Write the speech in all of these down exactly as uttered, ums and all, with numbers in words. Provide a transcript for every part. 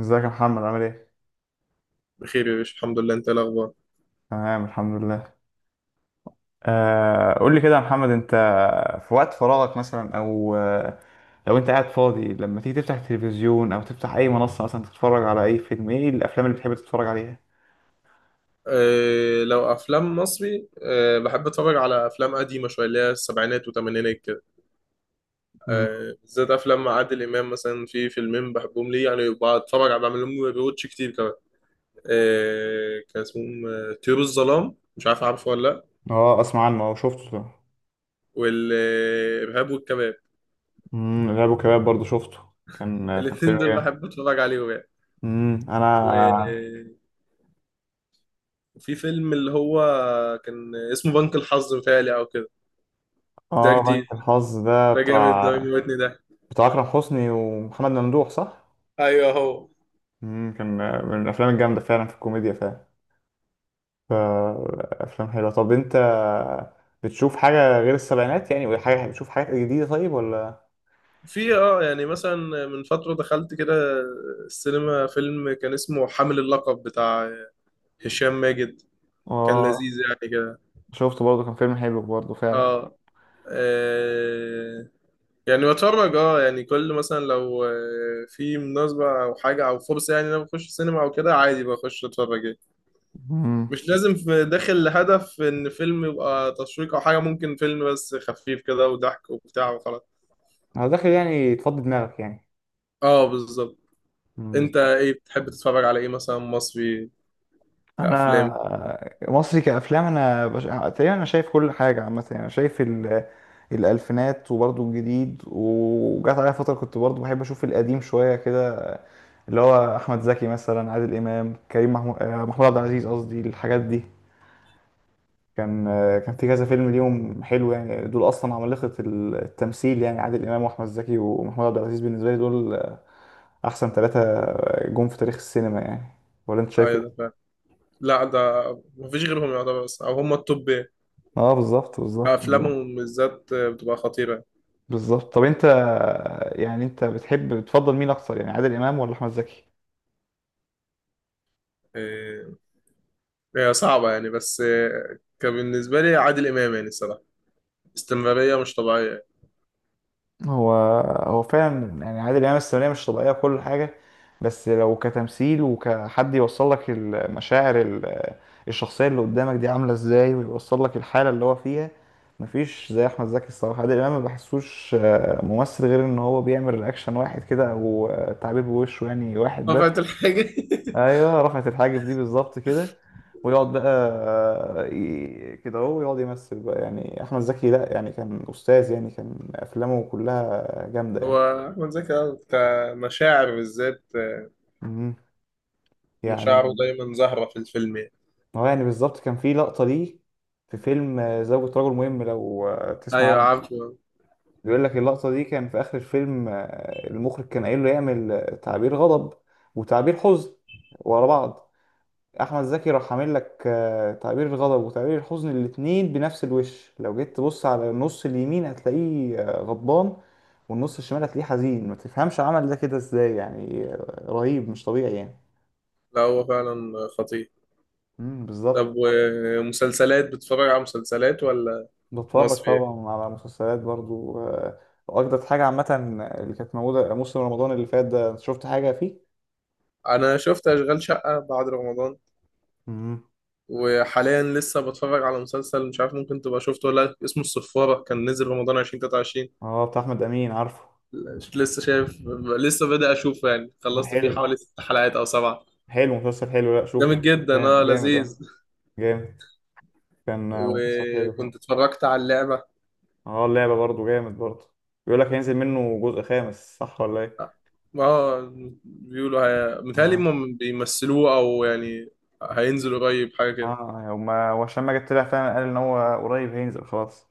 ازيك يا محمد، عامل ايه؟ بخير يا باشا، الحمد لله. انت إيه الاخبار؟ تمام، الحمد لله. آه قول لي كده يا محمد، انت في وقت فراغك مثلا او آه، لو انت قاعد فاضي لما تيجي تفتح التلفزيون او تفتح اي منصة مثلا تتفرج على اي فيلم، ايه الافلام اللي بتحب تتفرج عليها؟ أه، لو افلام مصري، أه بحب اتفرج على افلام قديمه شويه اللي هي السبعينات والثمانينات كده. مم. أه، بالذات افلام عادل امام، مثلا في فيلمين بحبهم ليه، يعني بتفرج على بعمل لهم ريواتش كتير كمان. أه، كان اسمهم آه، طيور الظلام. مش عارف، عارفه ولا لا؟ اه، اسمع عنه، اه شفته طبعا. والارهاب والكباب. امم الارهاب والكباب برضه شفته. كان آه، كان الاثنين فيلم دول جامد. بحب اتفرج عليهم يعني. امم انا. و- وفي فيلم اللي هو كان اسمه بنك الحظ، متهيألي او كده. ده اه، جديد. بنك الحظ ده ده جامد، بتاع ده بيموتني ده. بتاع اكرم حسني ومحمد ممدوح، صح؟ ايوه هو. امم كان، آه، من الافلام الجامدة فعلا في الكوميديا فعلا. فأفلام حلوة. طب أنت بتشوف حاجة غير السبعينات يعني؟ ولا حاجة بتشوف حاجات جديدة طيب؟ ولا في اه يعني مثلا، من فترة دخلت كده السينما فيلم كان اسمه حامل اللقب، بتاع هشام ماجد. كان اه، لذيذ يعني كده. شفته برضه، كان فيلم حلو برضه فعلا. اه آه، يعني بتفرج، اه يعني كل مثلا لو آه، في مناسبة او حاجة او فرصة، يعني إن انا بخش السينما او كده عادي، بخش اتفرج يعني. مم. مش لازم في- داخل لهدف ان فيلم يبقى تشويق او حاجة، ممكن فيلم بس خفيف كده وضحك وبتاع وخلاص. أنا داخل يعني تفضي دماغك يعني. اه، بالظبط. مم، انت بالظبط. ايه بتحب تتفرج على ايه مثلا؟ مصري كأفلام؟ انا مصري، كافلام انا بش... تقريبا انا شايف كل حاجه عامه، يعني انا شايف ال... الالفينات، وبرضه الجديد. وجات عليا فتره كنت برضه بحب اشوف القديم شويه كده، اللي هو احمد زكي مثلا، عادل امام، كريم محمود، آه، محمود عبد العزيز قصدي، الحاجات دي. كان كان في كذا فيلم ليهم حلو يعني. دول اصلا عمالقه التمثيل يعني. عادل امام واحمد زكي ومحمود عبد العزيز، بالنسبه لي دول احسن ثلاثه جم في تاريخ السينما يعني. ولا انت شايف ايوه ده ايه؟ فعلا. لا ده مفيش غيرهم يعتبر، بس او هم التوب يعني. اه، بالظبط، بالظبط، بالظبط. افلامهم بالذات بتبقى خطيره. بالظبط، طب انت يعني انت بتحب، بتفضل مين اكتر، يعني عادل امام ولا احمد زكي؟ إيه، هي صعبه يعني، بس إيه، كان بالنسبه لي عادل امام يعني الصراحه، استمراريه مش طبيعيه. هو هو فعلا يعني عادل امام السينمائية مش طبيعية في كل حاجة. بس لو كتمثيل، وكحد يوصل لك المشاعر، ال- الشخصية اللي قدامك دي عاملة ازاي، ويوصل لك الحالة اللي هو فيها، مفيش زي احمد زكي الصراحة. عادل امام ما بحسوش آه، ممثل، غير ان هو بيعمل رياكشن واحد كده، او آه، تعبير بوشه يعني واحد بس. رفعت الحاجه. ايوه، رفعت الحاجب دي بالظبط كده ويقعد بقى، آه، ي- كده اهو يقعد يمثل بقى. يعني احمد زكي لا يعني كان استاذ يعني، كان افلامه كلها جامده هو يعني. احمد زكي أه، كمشاعر بالذات، آه، مم. مشاعره يعني دايما ظاهره في الفيلم يعني. هو يعني بالظبط، كان في لقطه ليه في فيلم آه، زوجة رجل مهم، لو آه، تسمع ايوه عنه. عارفه. بيقول لك، اللقطه دي كان في اخر الفيلم، آه، المخرج كان قايل له يعمل آه، تعبير غضب، وتعبير حزن، ورا بعض. احمد زكي راح عامل لك آه، تعبير الغضب وتعبير الحزن، الاتنين بنفس الوش. لو جيت تبص على النص اليمين هتلاقيه آه، غضبان، والنص الشمال هتلاقيه حزين. ما تفهمش عمل ده كده ازاي يعني، آه، رهيب، مش طبيعي يعني. لا هو فعلا خطير. امم طب، بالظبط. ومسلسلات، بتتفرج على مسلسلات ولا؟ بتفرج مصري يعني؟ طبعا على مسلسلات برضو. آه، واجدد حاجة عامة اللي كانت موجودة موسم رمضان اللي فات ده، شفت حاجة فيه؟ انا شفت اشغال شقه بعد رمضان. امم. وحاليا لسه بتفرج على مسلسل، مش عارف ممكن تبقى شفته ولا لأ، اسمه الصفارة، كان نزل رمضان ألفين وتلاتة وعشرين. اه، بتاع احمد امين، عارفه؟ لسه شايف، لسه بدأ أشوفه يعني، عارف، خلصت فيه حلو، حوالي ست حلقات أو سبعة. حلو، مسلسل حلو. لا شوفه، جامد جدا، اه، جامد، جامد، لذيذ. اه، جامد. كان آه، مسلسل حلو. وكنت اتفرجت على اللعبة. اه، اللعبة برضه جامد برضه. بيقول لك هينزل منه جزء خامس، صح ولا ايه؟ اه، بيقولوا. هي، متهيألي اه، هم بيمثلوه أو يعني هينزل قريب حاجة كده. اه، هما وعشان ما جت طلع فعلا، قال ان هو قريب هينزل خلاص.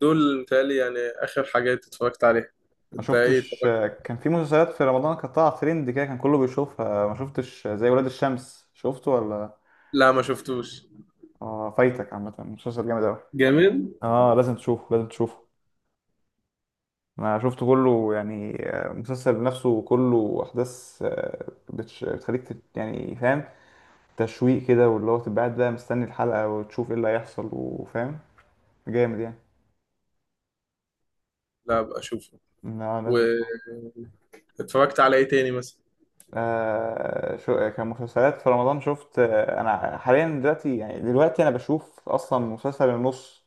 دول متهيألي يعني آخر حاجات اتفرجت عليها. ما انت ايه شفتش، اتفرجت؟ آه، كان في مسلسلات في رمضان كانت طالعة ترند كده، كان كله بيشوفها. ما شفتش آه، زي ولاد الشمس، شفته ولا؟ لا، ما شفتوش. اه، فايتك عامة مسلسل جامد اوي. جامد. اه، لازم تشوفه، لازم تشوفه. انا شفته كله يعني. آه، المسلسل نفسه كله احداث، آه، بتش- بتخليك تت- يعني فاهم، تشويق كده. واللي هو تبقى قاعد بقى مستني الحلقة، وتشوف ايه اللي هيحصل وفاهم. جامد يعني. لا بقى اشوفه. لا، لازم تشوف. اتفرجت على ايه تاني مثلا؟ آه شو كمسلسلات في رمضان شفت آه انا حاليا دلوقتي يعني، دلوقتي انا بشوف اصلا مسلسل النص.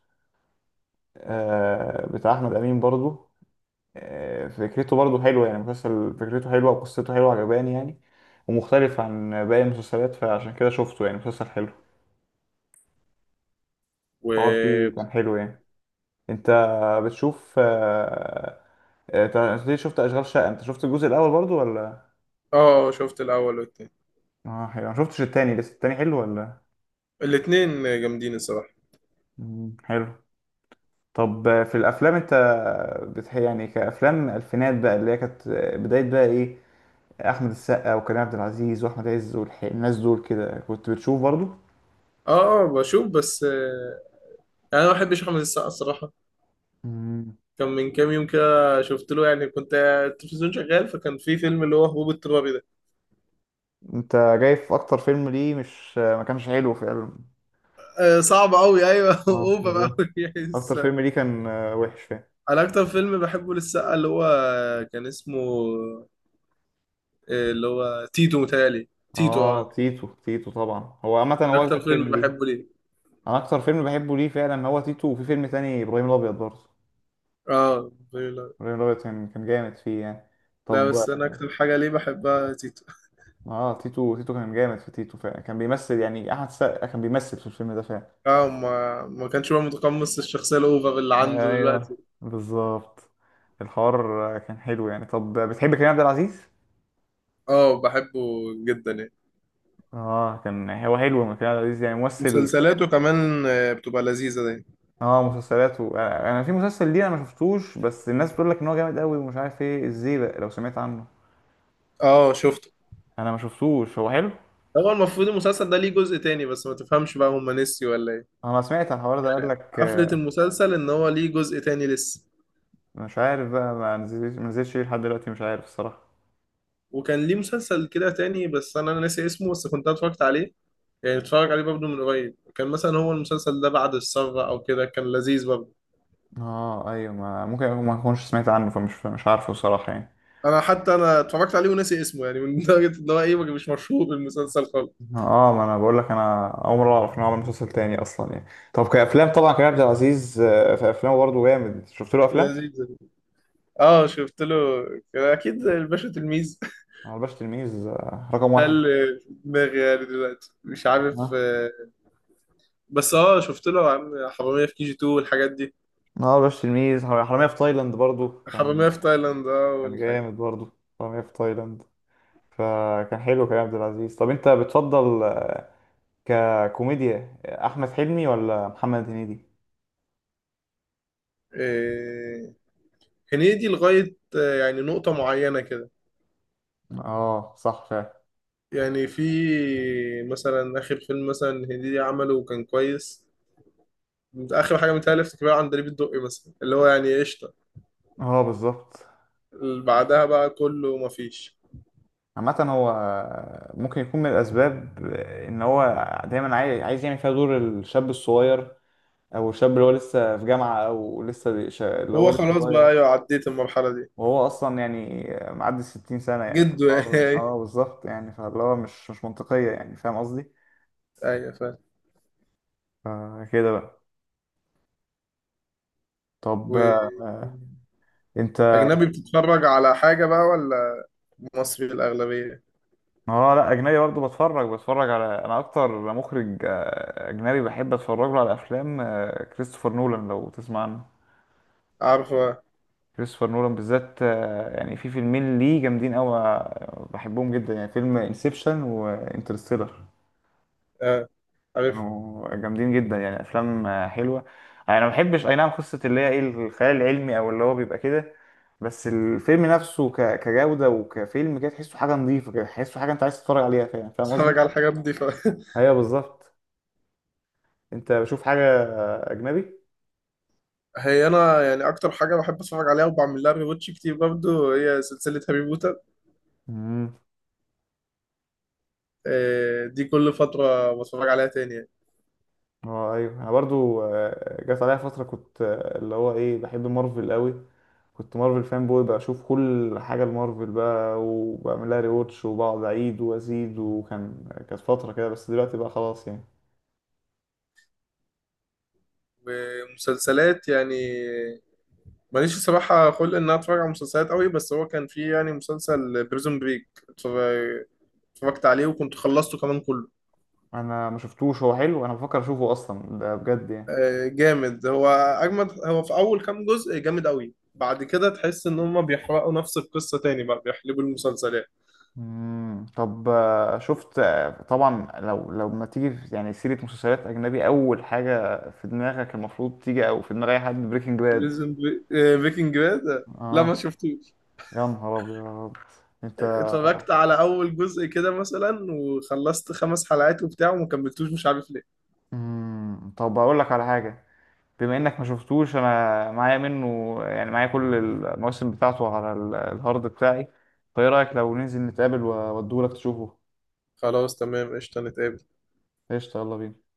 آه بتاع احمد امين برضو. آه فكرته برضو حلوه يعني. مسلسل فكرته حلوه وقصته حلوه، عجباني يعني، ومختلف عن باقي المسلسلات، فعشان كده شفته يعني، مسلسل حلو. هو و فيه كان حلو يعني. انت بتشوف آه، آه، انت أنت ليه شفت اشغال شقه، انت شفت الجزء الاول برضو ولا؟ اه، شفت الاول والتاني. اه، حلو، ما شفتش التاني لسه، التاني حلو ولا؟ الاتنين جامدين الصراحه. مم، حلو. طب، آه، في الافلام انت بتح يعني، كافلام الفينات بقى، اللي هي كانت، آه، بدايه بقى ايه، احمد السقا وكريم عبد العزيز واحمد عز والناس دول كده، كنت بتشوف برضو؟ اه اه، بشوف بس. آه، يعني انا ما بحبش احمد السقا الصراحه. مم. كان من كام يوم كده شفت له، يعني كنت التلفزيون شغال، فكان في فيلم اللي هو هبوب اضطراري ده. انت جايب اكتر فيلم ليه مش، آه، ما كانش حلو فعلا. آه، صعب قوي، ايوه. اه، اوفر بالظبط، قوي يعني اكتر فيلم السقا. ليه كان آه، وحش فعلا. انا اكتر فيلم بحبه للسقا اللي هو كان اسمه آه، اللي هو تيتو، متهيألي تيتو اه. اه، تيتو، تيتو طبعا، هو عامة ده هو اكتر أجمل فيلم فيلم ليه. بحبه ليه. أنا أكتر فيلم بحبه ليه فعلا هو تيتو، وفي فيلم تاني، إبراهيم الأبيض برضه. اه، لا. إبراهيم الأبيض، كان كان جامد فيه يعني. لا، طب، بس انا اكتر حاجه ليه بحبها تيتو. اه، تيتو، تيتو كان جامد في تيتو فعلا، كان بيمثل يعني. أحمد السقا كان بيمثل في الفيلم ده فعلا. اه، ما ما كانش بقى متقمص الشخصية الأوفر اللي عنده ايوه، دلوقتي. بالظبط. الحوار كان حلو يعني. طب، بتحب كريم عبد العزيز؟ اه، بحبه جدا يعني. اه، كان هو حلو من كريم عبد العزيز يعني ممثل. مسلسلاته كمان آه، بتبقى لذيذة دي. اه، مسلسلاته، آه، انا في مسلسل ليه انا ما شفتوش، بس الناس بتقول لك ان هو جامد قوي ومش عارف ايه ازاي بقى، لو سمعت عنه. اه شفته. انا ما شفتوش، هو حلو؟ هو المفروض المسلسل ده ليه جزء تاني، بس ما تفهمش بقى، هما نسيوا ولا ايه؟ انا سمعت عن الحوار ده، قال لك، قفلة آه، المسلسل ان هو ليه جزء تاني لسه. مش عارف بقى ما نزلش، ما نزلش ليه لحد دلوقتي، مش عارف الصراحه. وكان ليه مسلسل كده تاني، بس انا ناسي اسمه، بس كنت اتفرجت عليه. يعني اتفرج عليه برضه من قريب، كان مثلا هو المسلسل ده بعد الثورة او كده، كان لذيذ برضه. اه، ايوه، ما ممكن أكون- ما اكونش سمعت عنه، فمش، مش عارفه الصراحه يعني. انا حتى انا اتفرجت عليه وناسي اسمه، يعني من درجة ان هو ايه مش مشهور المسلسل خالص. اه، ما انا بقول لك، انا اول مره اعرف ان هو عمل مسلسل تاني اصلا يعني. طب كافلام طبعا كريم عبد العزيز، آه، في افلامه برضه جامد، شفت له افلام؟ لذيذ. اه شفت له. كان اكيد زي الباشا تلميذ. أنا الباشا تلميذ آه، رقم ده واحد. اللي في دماغي يعني دلوقتي، مش عارف. اه، آه، بس اه شفت له يا عم حرامية في كي جي تو والحاجات دي. آه، الباشا تلميذ، حر- حرامية في تايلاند برضه كان، حرامية في تايلاند، اه، كان والحاجات. جامد برضه، حرامية في تايلاند. فكان حلو كريم عبد العزيز. طب انت بتفضل ككوميديا احمد حلمي ولا محمد هنيدي؟ آه، هنيدي لغاية آه، يعني نقطة معينة كده. اه، صح فعلا. يعني في مثلا آخر فيلم مثلا هنيدي عمله، وكان كويس. آخر حاجة متهيألي افتكرها عندليب الدقي مثلا، اللي هو يعني قشطة. اه، بالظبط. اللي بعدها بقى كله مفيش. عامة هو آه، ممكن يكون من الأسباب آه، إن هو دايما، عاي- عايز يعمل فيها دور الشاب الصغير، أو الشاب اللي هو لسه في جامعة، أو لسه بي- ش- اللي هو هو لسه خلاص صغير. بقى، أيوة عديت المرحلة دي. وهو أصلا يعني معدي الستين سنة يعني. جده فالحوار- يعني. اه، بالظبط يعني، فاللي هو مش مش منطقية يعني، فاهم قصدي؟ ايوه فاهم. فكده بقى. طب، آه، واجنبي أنت؟ بتتفرج على حاجه بقى ولا مصري الاغلبيه؟ اه، لا، اجنبي برضه بتفرج، بتفرج على، انا اكتر مخرج آه، اجنبي بحب اتفرج له على افلام آه، كريستوفر نولان، لو تسمع عنه. عارفه. كريستوفر نولان بالذات، آه، يعني في فيلمين ليه جامدين قوي، بحبهم جدا يعني، فيلم انسبشن وانترستيلر. اه، عارف. كانوا جامدين جدا يعني، افلام آه، حلوه. انا ما بحبش اي نعم قصه اللي هي ايه الخيال العلمي، او اللي هو بيبقى كده، بس الفيلم نفسه ك- كجوده وكفيلم كده، تحسه حاجه نظيفه كده، تحسه حاجه انت عايز تتفرج عليها، فاهم، فاهم قصدي؟ بتتفرج على الحاجات دي ف ايوه، بالظبط. انت بشوف حاجة اجنبي؟ هي انا يعني اكتر حاجه بحب اتفرج عليها وبعمل لها ريواتش كتير برضو، هي سلسله هاري بوتر. امم. آه، دي كل فتره بتفرج عليها تاني يعني. اه، ايوه، انا برضو، آه، جات عليا فترة كنت، آه، اللي هو ايه، بحب مارفل قوي، كنت مارفل فان بوي، بشوف كل حاجة لمارفل بقى، وبعمل لها ريواتش، وبقعد اعيد وازيد، وكان كانت فترة كده، بس دلوقتي بقى خلاص يعني. ومسلسلات يعني، ماليش الصراحه خلق ان انا اتفرج على مسلسلات قوي، بس هو كان في يعني مسلسل بريزون بريك. اتفرجت عليه وكنت خلصته كمان كله. انا ما شفتوش، هو حلو، انا بفكر اشوفه اصلا ده بجد يعني. آه، جامد، هو اجمد هو في اول كام جزء جامد قوي، بعد كده تحس ان هم بيحرقوا نفس القصه تاني بقى، بيحلبوا المسلسلات. امم طب، آه، شفت، آه، طبعا لو لو ما تيجي في- يعني سيرة مسلسلات اجنبي، اول حاجة في دماغك المفروض تيجي او في دماغ اي حد، بريكنج باد. بريزن بري- آه، بريكنج باد. لا اه. ما شفتوش. يا نهار ابيض، انت. اتفرجت على اول جزء كده مثلا، وخلصت خمس حلقات وبتاع، وما كملتوش مش عارف ليه. مم. طب اقول لك على حاجه، بما انك ما شفتوش، انا معايا منه يعني، معايا كل المواسم بتاعته على ال- الهارد بتاعي. فايه رايك لو ننزل نتقابل واوديه لك تشوفه؟ خلاص تمام، قشطه نتقابل. قشطه، يلا بينا.